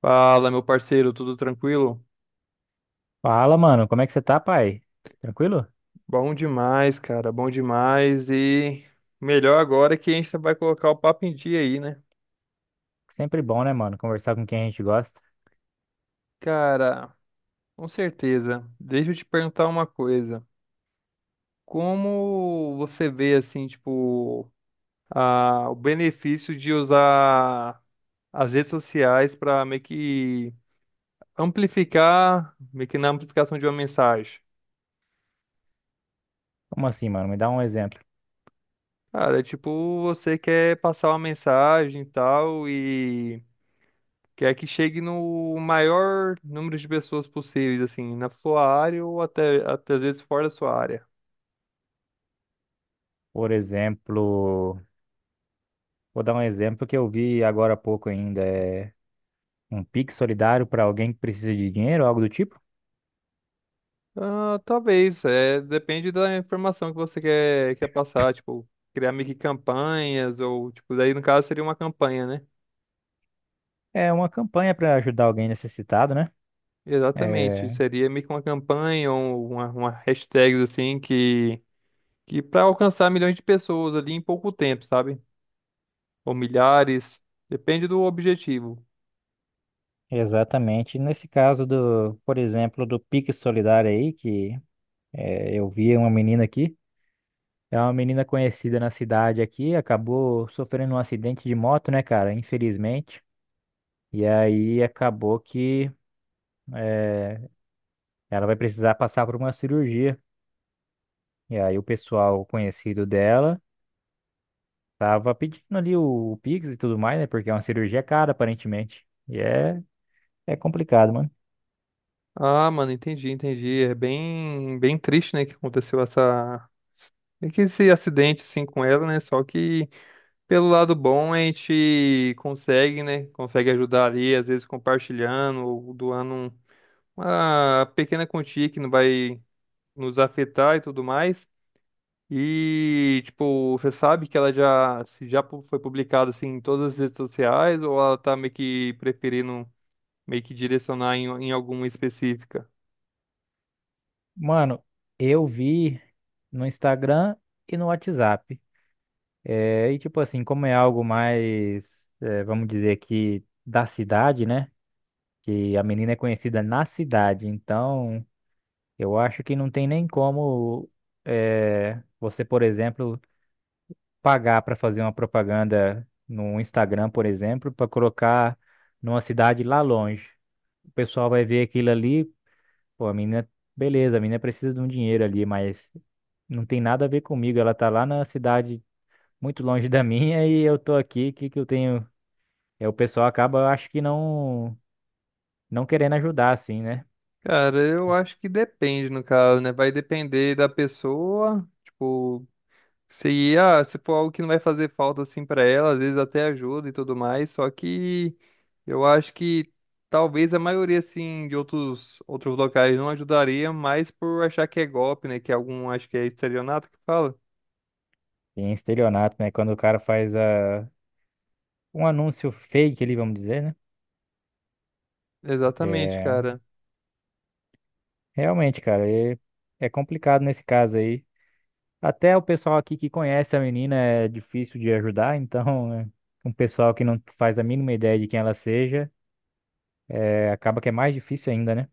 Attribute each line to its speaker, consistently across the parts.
Speaker 1: Fala, meu parceiro, tudo tranquilo?
Speaker 2: Fala, mano, como é que você tá, pai? Tranquilo?
Speaker 1: Bom demais, cara, bom demais. E melhor agora que a gente vai colocar o papo em dia aí, né?
Speaker 2: Sempre bom, né, mano, conversar com quem a gente gosta.
Speaker 1: Cara, com certeza. Deixa eu te perguntar uma coisa. Como você vê, assim, tipo, o benefício de usar as redes sociais para meio que amplificar, meio que na amplificação de uma mensagem?
Speaker 2: Como assim, mano? Me dá um exemplo.
Speaker 1: Cara, é tipo, você quer passar uma mensagem e tal e que é que chegue no maior número de pessoas possíveis, assim, na sua área ou até às vezes fora da sua área.
Speaker 2: Por exemplo, vou dar um exemplo que eu vi agora há pouco ainda, um Pix solidário para alguém que precisa de dinheiro, algo do tipo.
Speaker 1: Ah, talvez, é, depende da informação que você quer passar, tipo, criar meio que campanhas, ou, tipo, daí no caso seria uma campanha, né?
Speaker 2: É uma campanha para ajudar alguém necessitado, né?
Speaker 1: Exatamente,
Speaker 2: É,
Speaker 1: seria meio que uma campanha ou uma hashtag, assim, que para alcançar milhões de pessoas ali em pouco tempo, sabe? Ou milhares, depende do objetivo.
Speaker 2: exatamente. Nesse caso do, por exemplo, do Pix solidário aí, eu vi uma menina aqui. É uma menina conhecida na cidade aqui, acabou sofrendo um acidente de moto, né, cara? Infelizmente. E aí acabou que eh, ela vai precisar passar por uma cirurgia. E aí o pessoal conhecido dela tava pedindo ali o Pix e tudo mais, né? Porque é uma cirurgia cara, aparentemente. É complicado, mano.
Speaker 1: Ah, mano, entendi, entendi. É bem, bem triste, né, que aconteceu essa, meio que esse acidente, assim, com ela, né? Só que pelo lado bom a gente consegue, né? Consegue ajudar ali, às vezes compartilhando ou doando uma pequena quantia que não vai nos afetar e tudo mais. E, tipo, você sabe que ela já, se foi publicada, assim, em todas as redes sociais ou ela tá meio que preferindo meio que direcionar em alguma específica?
Speaker 2: Mano, eu vi no Instagram e no WhatsApp. E tipo assim, como é algo mais, vamos dizer que da cidade, né? Que a menina é conhecida na cidade, então. Eu acho que não tem nem como você, por exemplo, pagar para fazer uma propaganda no Instagram, por exemplo, para colocar numa cidade lá longe. O pessoal vai ver aquilo ali, pô, a menina, beleza, a menina precisa de um dinheiro ali, mas não tem nada a ver comigo. Ela tá lá na cidade muito longe da minha e eu tô aqui, o que que eu tenho? É, o pessoal acaba, eu acho que não, não querendo ajudar, assim, né?
Speaker 1: Cara, eu acho que depende, no caso, né? Vai depender da pessoa. Tipo, se, ah, se for algo que não vai fazer falta assim pra ela, às vezes até ajuda e tudo mais. Só que eu acho que talvez a maioria, assim, de outros locais não ajudaria, mais por achar que é golpe, né? Que é algum, acho que é estelionato que fala.
Speaker 2: Tem estelionato, né? Quando o cara faz um anúncio fake ali, vamos dizer, né?
Speaker 1: Exatamente,
Speaker 2: É,
Speaker 1: cara.
Speaker 2: realmente, cara, é complicado nesse caso aí. Até o pessoal aqui que conhece a menina é difícil de ajudar, então, um pessoal que não faz a mínima ideia de quem ela seja, acaba que é mais difícil ainda, né?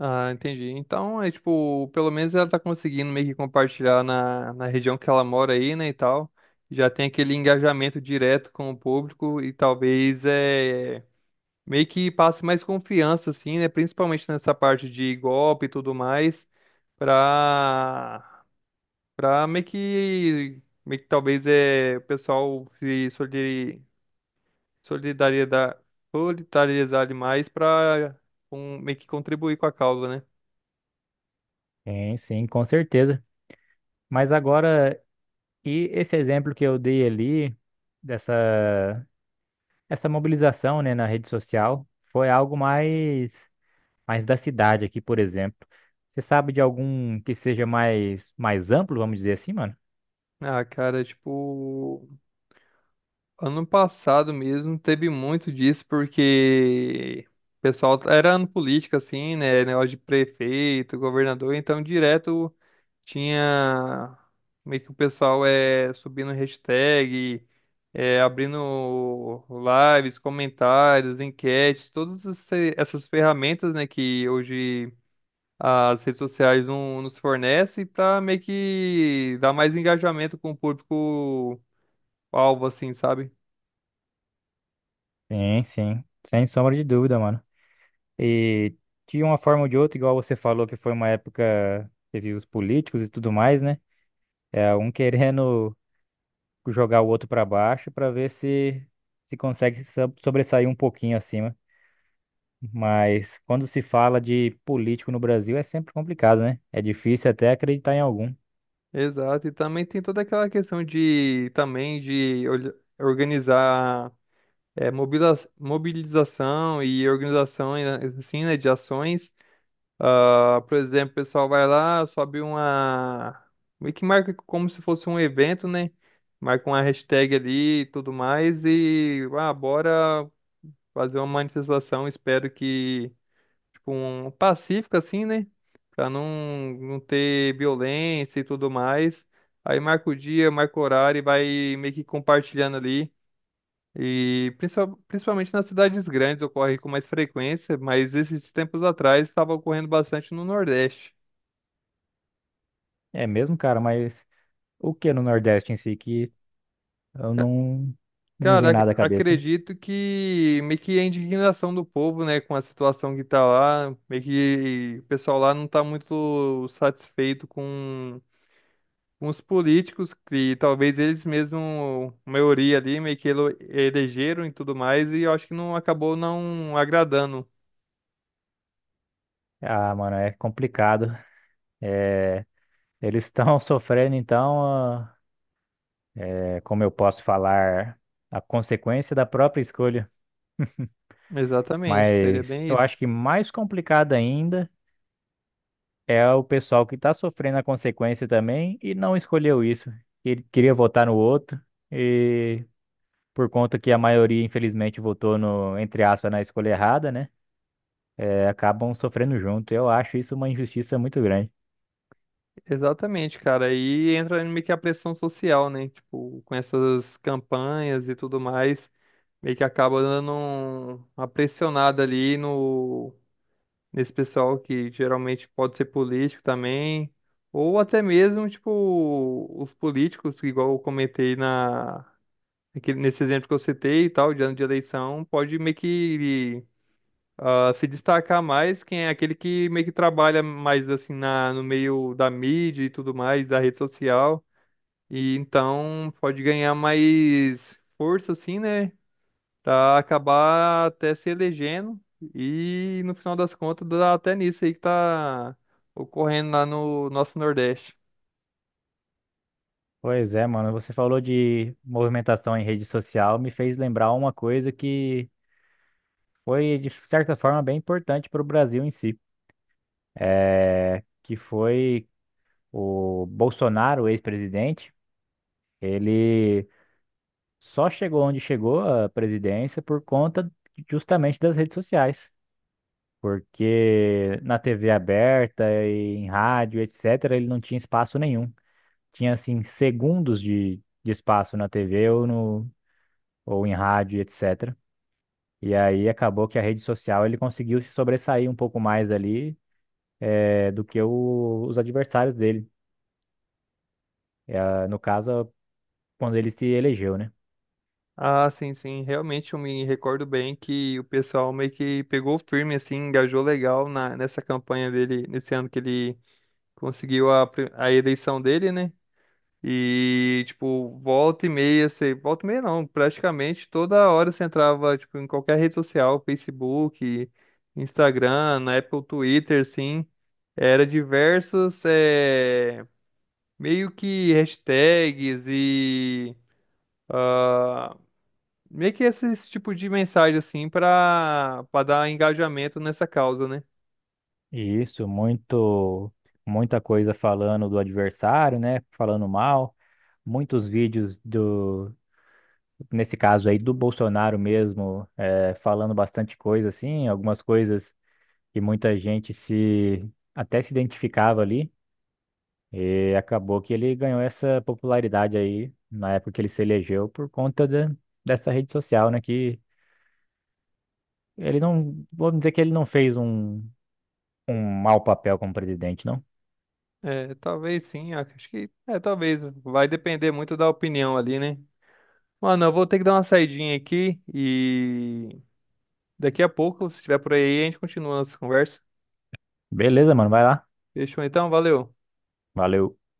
Speaker 1: Ah, entendi. Então, é tipo, pelo menos ela tá conseguindo meio que compartilhar na região que ela mora aí, né, e tal. Já tem aquele engajamento direto com o público e talvez é meio que passe mais confiança, assim, né, principalmente nessa parte de golpe e tudo mais, pra, pra meio que talvez é o pessoal se solidari- solidaridar, solidarizar demais pra um, meio que contribuir com a causa, né?
Speaker 2: Sim, sim, com certeza. Mas agora, e esse exemplo que eu dei ali, dessa essa mobilização, né, na rede social, foi algo mais, mais da cidade aqui, por exemplo. Você sabe de algum que seja mais, mais amplo, vamos dizer assim, mano?
Speaker 1: Ah, cara, tipo, ano passado mesmo teve muito disso, porque o pessoal era ano político, assim, né? Negócio de prefeito, governador, então direto tinha meio que o pessoal é subindo hashtag, é, abrindo lives, comentários, enquetes, todas essas ferramentas, né, que hoje as redes sociais não nos fornecem para meio que dar mais engajamento com o público o alvo, assim, sabe?
Speaker 2: Sim, sim, sem sombra de dúvida, mano. E de uma forma ou de outra, igual você falou que foi uma época, teve os políticos e tudo mais, né? É um querendo jogar o outro pra baixo pra ver se consegue se so- sobressair um pouquinho acima. Mas quando se fala de político no Brasil é sempre complicado, né? É difícil até acreditar em algum.
Speaker 1: Exato. E também tem toda aquela questão de também de organizar é, mobilização e organização né, assim, né, de ações. Ah, por exemplo, o pessoal vai lá, sobe uma. Meio que marca como se fosse um evento, né? Marca uma hashtag ali e tudo mais. E ah, bora fazer uma manifestação. Espero que. Tipo, um pacífico assim, né? Pra não, não ter violência e tudo mais. Aí marca o dia, marca o horário e vai meio que compartilhando ali. E principalmente nas cidades grandes ocorre com mais frequência, mas esses tempos atrás estava ocorrendo bastante no Nordeste.
Speaker 2: É mesmo, cara, mas o que no Nordeste em si que eu
Speaker 1: Ca-
Speaker 2: não não me
Speaker 1: Cara,
Speaker 2: vem nada à cabeça, né?
Speaker 1: acredito que meio que a indignação do povo, né, com a situação que tá lá, meio que o pessoal lá não tá muito satisfeito com uns políticos que talvez eles mesmo, a maioria ali, meio que elegeram e tudo mais, e eu acho que não acabou não agradando.
Speaker 2: Ah, mano, é complicado. Eles estão sofrendo, então, como eu posso falar, a consequência da própria escolha.
Speaker 1: Exatamente, seria
Speaker 2: Mas
Speaker 1: bem
Speaker 2: eu acho
Speaker 1: isso.
Speaker 2: que mais complicado ainda é o pessoal que está sofrendo a consequência também e não escolheu isso. Ele queria votar no outro e por conta que a maioria, infelizmente, votou no, entre aspas, na escolha errada, né? É, acabam sofrendo junto. Eu acho isso uma injustiça muito grande.
Speaker 1: Exatamente, cara. Aí entra meio que a pressão social, né? Tipo, com essas campanhas e tudo mais, meio que acaba dando uma pressionada ali no nesse pessoal que geralmente pode ser político também, ou até mesmo, tipo, os políticos, igual eu comentei na nesse exemplo que eu citei e tal, de ano de eleição, pode meio que ah, se destacar mais quem é aquele que meio que trabalha mais assim no meio da mídia e tudo mais, da rede social, e então pode ganhar mais força assim, né, pra acabar até se elegendo e no final das contas dá até nisso aí que tá ocorrendo lá no nosso Nordeste.
Speaker 2: Pois é, mano, você falou de movimentação em rede social, me fez lembrar uma coisa que foi, de certa forma, bem importante para o Brasil em si, que foi o Bolsonaro, o ex-presidente, ele só chegou onde chegou à presidência por conta justamente das redes sociais, porque na TV aberta, e em rádio, etc., ele não tinha espaço nenhum. Tinha, assim, segundos de espaço na TV ou, no, ou em rádio, etc., e aí acabou que a rede social ele conseguiu se sobressair um pouco mais ali do que os adversários dele. No caso, quando ele se elegeu, né?
Speaker 1: Ah, sim, sim. Realmente eu me recordo bem que o pessoal meio que pegou firme, assim, engajou legal nessa campanha dele, nesse ano que ele conseguiu a eleição dele, né? E, tipo, volta e meia, você, volta e meia não, praticamente toda hora você entrava, tipo, em qualquer rede social, Facebook, Instagram, na época o Twitter, assim, era diversos, eh, meio que hashtags e... ah, meio que esse tipo de mensagem, assim, pra dar engajamento nessa causa, né?
Speaker 2: Isso, muito, muita coisa falando do adversário, né? Falando mal, muitos vídeos do, nesse caso aí, do Bolsonaro mesmo, falando bastante coisa, assim, algumas coisas que muita gente se até se identificava ali, e acabou que ele ganhou essa popularidade aí na época que ele se elegeu por conta da- dessa rede social, né? Que ele não. Vamos dizer que ele não fez um mau papel como presidente, não.
Speaker 1: É, talvez sim, acho que. É, talvez. Vai depender muito da opinião ali, né? Mano, eu vou ter que dar uma saidinha aqui e daqui a pouco, se estiver por aí, a gente continua a nossa conversa.
Speaker 2: Beleza, mano, vai lá.
Speaker 1: Fechou então? Valeu.
Speaker 2: Valeu.